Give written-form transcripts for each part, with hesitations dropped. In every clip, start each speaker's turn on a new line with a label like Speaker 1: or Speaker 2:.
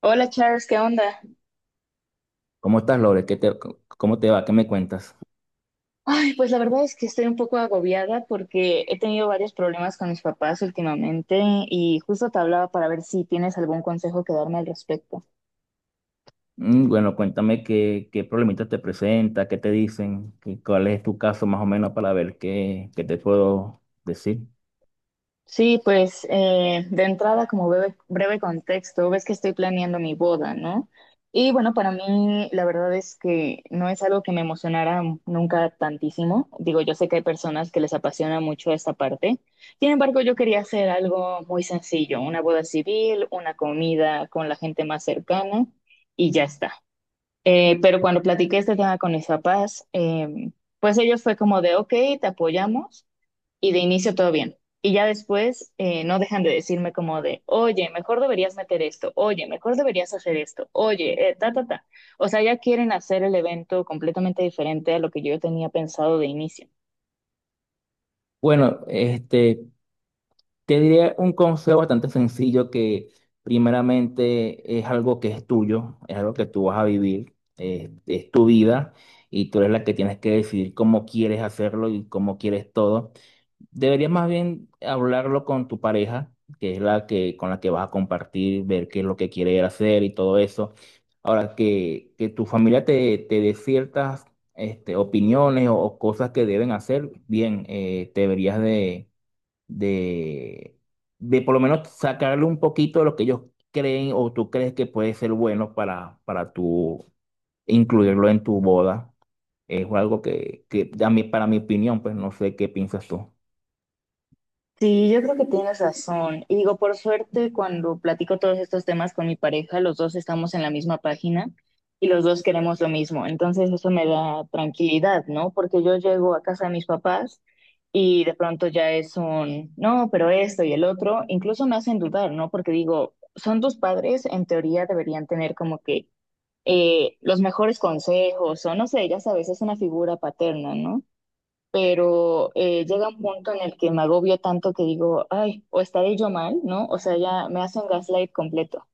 Speaker 1: Hola Charles, ¿qué onda?
Speaker 2: ¿Cómo estás, Lore? ¿Cómo te va? ¿Qué me cuentas?
Speaker 1: Ay, pues la verdad es que estoy un poco agobiada porque he tenido varios problemas con mis papás últimamente y justo te hablaba para ver si tienes algún consejo que darme al respecto.
Speaker 2: Mm, bueno, cuéntame qué problemitas te presenta, qué te dicen, cuál es tu caso más o menos para ver qué te puedo decir.
Speaker 1: Sí, pues de entrada, como breve contexto, ves que estoy planeando mi boda, ¿no? Y bueno, para mí la verdad es que no es algo que me emocionara nunca tantísimo. Digo, yo sé que hay personas que les apasiona mucho esta parte. Sin embargo, yo quería hacer algo muy sencillo, una boda civil, una comida con la gente más cercana y ya está. Pero cuando platiqué este tema con mis papás, pues ellos fue como de, ok, te apoyamos y de inicio todo bien. Y ya después no dejan de decirme como de, oye, mejor deberías meter esto, oye, mejor deberías hacer esto, oye, ta, ta, ta. O sea, ya quieren hacer el evento completamente diferente a lo que yo tenía pensado de inicio.
Speaker 2: Bueno, te diría un consejo bastante sencillo que primeramente es algo que es tuyo, es algo que tú vas a vivir, es tu vida y tú eres la que tienes que decidir cómo quieres hacerlo y cómo quieres todo. Deberías más bien hablarlo con tu pareja, que es la que con la que vas a compartir, ver qué es lo que quiere hacer y todo eso. Ahora, que tu familia te dé ciertas opiniones o cosas que deben hacer, bien, te deberías de, de por lo menos sacarle un poquito de lo que ellos creen o tú crees que puede ser bueno para tu, incluirlo en tu boda. Es algo que a mí- para mi opinión, pues no sé qué piensas tú.
Speaker 1: Sí, yo creo que tienes razón. Y digo, por suerte, cuando platico todos estos temas con mi pareja, los dos estamos en la misma página y los dos queremos lo mismo. Entonces eso me da tranquilidad, ¿no? Porque yo llego a casa de mis papás y de pronto ya es un, no, pero esto y el otro, incluso me hacen dudar, ¿no? Porque digo, son tus padres, en teoría deberían tener como que los mejores consejos o no sé, ya sabes, es una figura paterna, ¿no? Pero llega un punto en el que me agobio tanto que digo, ay, o estaré yo mal, ¿no? O sea, ya me hacen gaslight completo.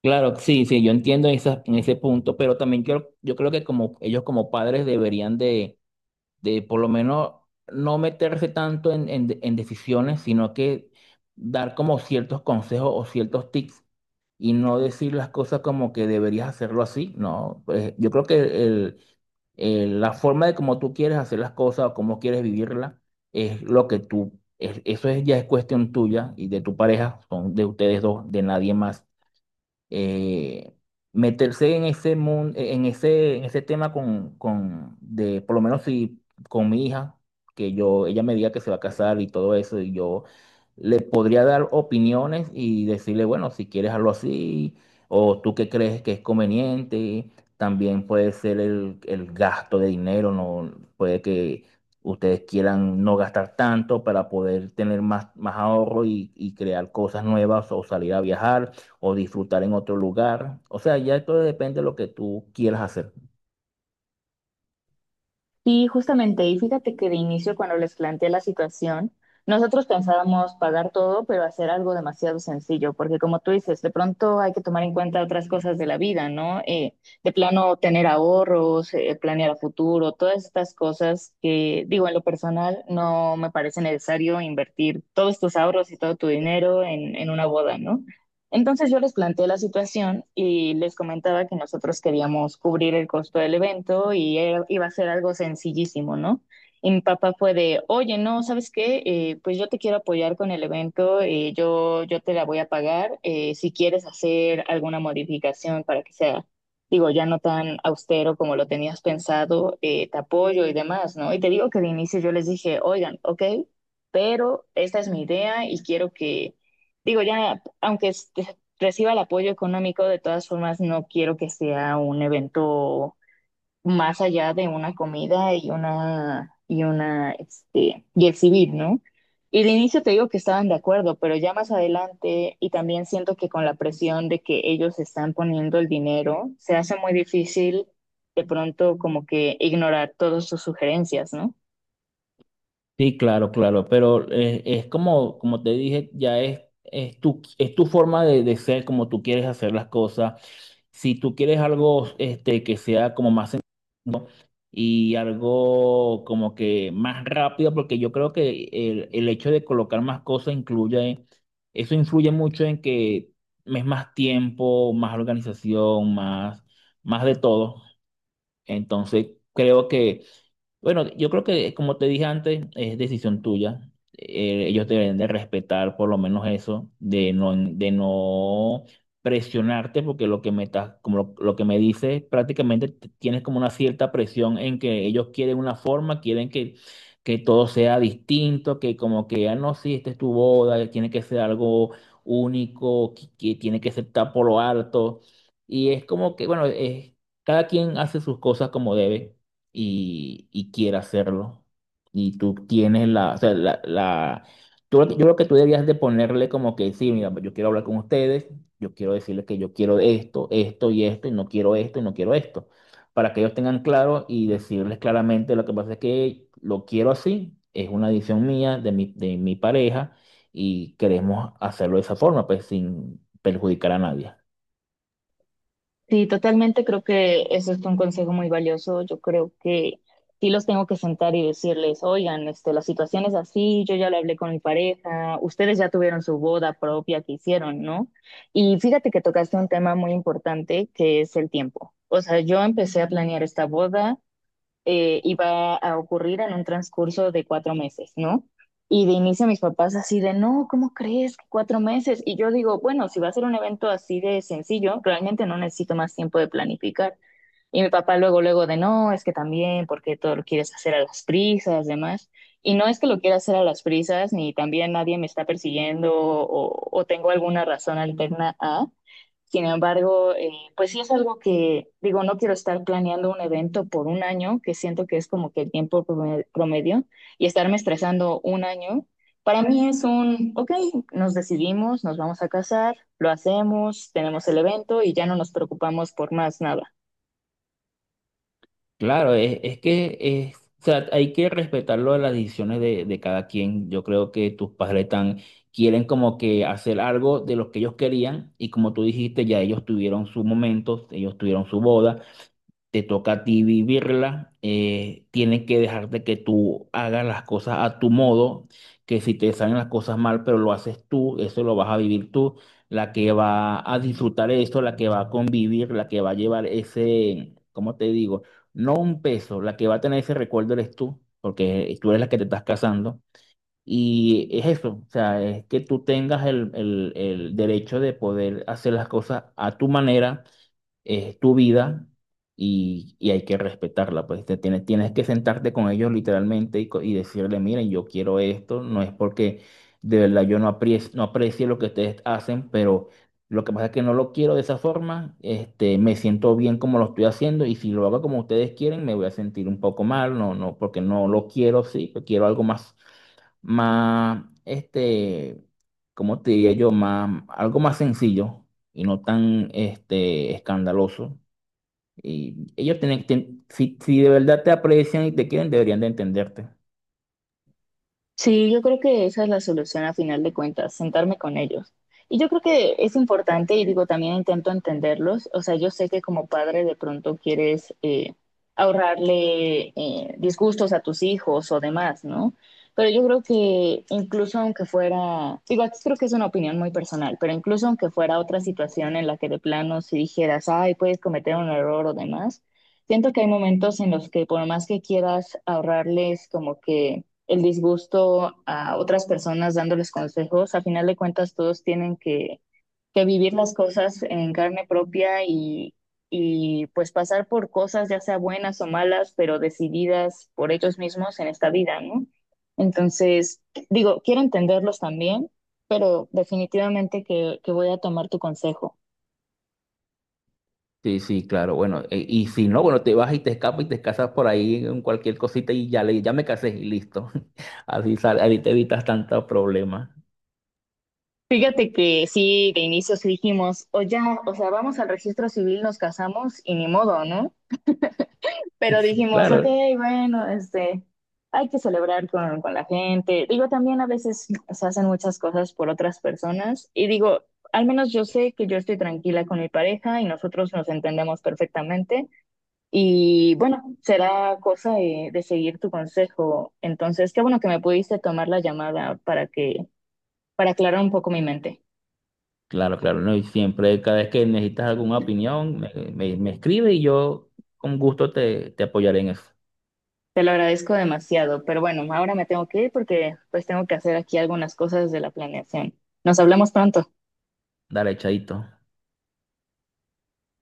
Speaker 2: Claro, sí, sí, yo entiendo en en ese punto, pero también yo creo que como ellos como padres deberían de por lo menos no meterse tanto en decisiones, sino que dar como ciertos consejos o ciertos tips y no decir las cosas como que deberías hacerlo así, ¿no? Pues, yo creo que la forma de cómo tú quieres hacer las cosas o cómo quieres vivirla es lo que tú, eso es, ya es cuestión tuya y de tu pareja, son de ustedes dos, de nadie más. Eh, meterse en ese mundo, en ese tema por lo menos si con mi hija, que yo, ella me diga que se va a casar y todo eso, y yo le podría dar opiniones y decirle, bueno, si quieres algo así, o tú qué crees que es conveniente, también puede ser el gasto de dinero, no puede que ustedes quieran no gastar tanto para poder tener más, más ahorro y crear cosas nuevas o salir a viajar o disfrutar en otro lugar. O sea, ya todo depende de lo que tú quieras hacer.
Speaker 1: Y justamente, y fíjate que de inicio cuando les planteé la situación, nosotros pensábamos pagar todo, pero hacer algo demasiado sencillo, porque como tú dices, de pronto hay que tomar en cuenta otras cosas de la vida, ¿no? De plano tener ahorros, planear a futuro, todas estas cosas que, digo, en lo personal no me parece necesario invertir todos tus ahorros y todo tu dinero en, una boda, ¿no? Entonces yo les planteé la situación y les comentaba que nosotros queríamos cubrir el costo del evento y iba a ser algo sencillísimo, ¿no? Y mi papá fue de, oye, no, ¿sabes qué? Pues yo te quiero apoyar con el evento, yo te la voy a pagar, si quieres hacer alguna modificación para que sea, digo, ya no tan austero como lo tenías pensado, te apoyo y demás, ¿no? Y te digo que de inicio yo les dije, oigan, ok, pero esta es mi idea y quiero que, digo, ya, aunque reciba el apoyo económico, de todas formas no quiero que sea un evento más allá de una comida y una y exhibir, ¿no? Y de inicio te digo que estaban de acuerdo, pero ya más adelante y también siento que con la presión de que ellos están poniendo el dinero, se hace muy difícil de pronto como que ignorar todas sus sugerencias, ¿no?
Speaker 2: Sí, claro, claro, pero es como, como te dije, ya es, es tu forma de ser, como tú quieres hacer las cosas. Si tú quieres algo que sea como más sencillo y algo como que más rápido, porque yo creo que el hecho de colocar más cosas incluye, eso influye mucho en que es más tiempo, más organización, más, más de todo. Entonces, creo que bueno, yo creo que, como te dije antes, es decisión tuya. Ellos deben de respetar por lo menos eso, de no presionarte, porque lo que me estás, como lo que me dices, prácticamente tienes como una cierta presión en que ellos quieren una forma, quieren que todo sea distinto, que como que, ah, no, sí, esta es tu boda, tiene que ser algo único, que tiene que ser tapado por lo alto. Y es como que, bueno, es, cada quien hace sus cosas como debe y quiera hacerlo. Y tú tienes la, o sea, yo creo que tú debías de ponerle como que, sí, mira, yo quiero hablar con ustedes, yo quiero decirles que yo quiero esto, esto y esto, y no quiero esto y no quiero esto, para que ellos tengan claro y decirles claramente lo que pasa es que lo quiero así, es una decisión mía, de mi pareja, y queremos hacerlo de esa forma, pues sin perjudicar a nadie.
Speaker 1: Sí, totalmente, creo que eso es un consejo muy valioso. Yo creo que sí los tengo que sentar y decirles, oigan, este, la situación es así, yo ya lo hablé con mi pareja, ustedes ya tuvieron su boda propia que hicieron, ¿no? Y fíjate que tocaste un tema muy importante que es el tiempo. O sea, yo empecé a planear esta boda iba a ocurrir en un transcurso de 4 meses, ¿no? Y de inicio mis papás así de, no, ¿cómo crees que 4 meses? Y yo digo, bueno, si va a ser un evento así de sencillo, realmente no necesito más tiempo de planificar. Y mi papá luego, luego de, no, es que también, porque todo lo quieres hacer a las prisas, demás. Y no es que lo quiera hacer a las prisas, ni también nadie me está persiguiendo o tengo alguna razón alterna a, sin embargo, pues sí es algo que, digo, no quiero estar planeando un evento por un año, que siento que es como que el tiempo promedio, y estarme estresando un año. Para mí es un, ok, nos decidimos, nos vamos a casar, lo hacemos, tenemos el evento y ya no nos preocupamos por más nada.
Speaker 2: Claro, es que es, o sea, hay que respetar lo de las decisiones de cada quien. Yo creo que tus padres tan quieren como que hacer algo de lo que ellos querían y como tú dijiste, ya ellos tuvieron sus momentos, ellos tuvieron su boda. Te toca a ti vivirla, tienes que dejarte que tú hagas las cosas a tu modo, que si te salen las cosas mal, pero lo haces tú, eso lo vas a vivir tú, la que va a disfrutar eso, la que va a convivir, la que va a llevar ese, ¿cómo te digo? No un peso, la que va a tener ese recuerdo eres tú, porque tú eres la que te estás casando. Y es eso, o sea, es que tú tengas el derecho de poder hacer las cosas a tu manera, es tu vida y hay que respetarla, pues te tienes, tienes que sentarte con ellos literalmente y, y decirle, miren, yo quiero esto, no es porque de verdad yo no aprecie, no aprecie lo que ustedes hacen, pero lo que pasa es que no lo quiero de esa forma, este, me siento bien como lo estoy haciendo y si lo hago como ustedes quieren, me voy a sentir un poco mal, no, no, porque no lo quiero, sí, quiero algo más más, este, ¿cómo te diría yo? Más, algo más sencillo y no tan, este, escandaloso. Y ellos tienen, si, si de verdad te aprecian y te quieren, deberían de entenderte.
Speaker 1: Sí, yo creo que esa es la solución a final de cuentas, sentarme con ellos. Y yo creo que es importante, y digo, también intento entenderlos. O sea, yo sé que como padre de pronto quieres ahorrarle disgustos a tus hijos o demás, ¿no? Pero yo creo que incluso aunque fuera, digo, aquí creo que es una opinión muy personal, pero incluso aunque fuera otra situación en la que de plano si dijeras, ay, puedes cometer un error o demás, siento que hay momentos en los que por más que quieras ahorrarles como que el disgusto a otras personas dándoles consejos. A final de cuentas, todos tienen que vivir las cosas en carne propia y pues pasar por cosas, ya sea buenas o malas, pero decididas por ellos mismos en esta vida, ¿no? Entonces, digo, quiero entenderlos también, pero definitivamente que voy a tomar tu consejo.
Speaker 2: Sí, sí, claro, bueno, y si no, bueno, te vas y te escapas y te casas por ahí en cualquier cosita y ya, le, ya me casé y listo. Así, ahí te evitas tantos problemas.
Speaker 1: Fíjate que sí, de inicio sí dijimos, o ya, o sea, vamos al registro civil, nos casamos y ni modo, ¿no? Pero dijimos, ok,
Speaker 2: Claro,
Speaker 1: bueno, este, hay que celebrar con, la gente. Digo, también a veces se hacen muchas cosas por otras personas. Y digo, al menos yo sé que yo estoy tranquila con mi pareja y nosotros nos entendemos perfectamente. Y bueno, será cosa de, seguir tu consejo. Entonces, qué bueno que me pudiste tomar la llamada para que, para aclarar un poco mi mente.
Speaker 2: claro, claro, no, y siempre, cada vez que necesitas alguna opinión, me escribe y yo con gusto te apoyaré en eso.
Speaker 1: Te lo agradezco demasiado, pero bueno, ahora me tengo que ir porque pues tengo que hacer aquí algunas cosas de la planeación. Nos hablamos pronto.
Speaker 2: Dale, chaito.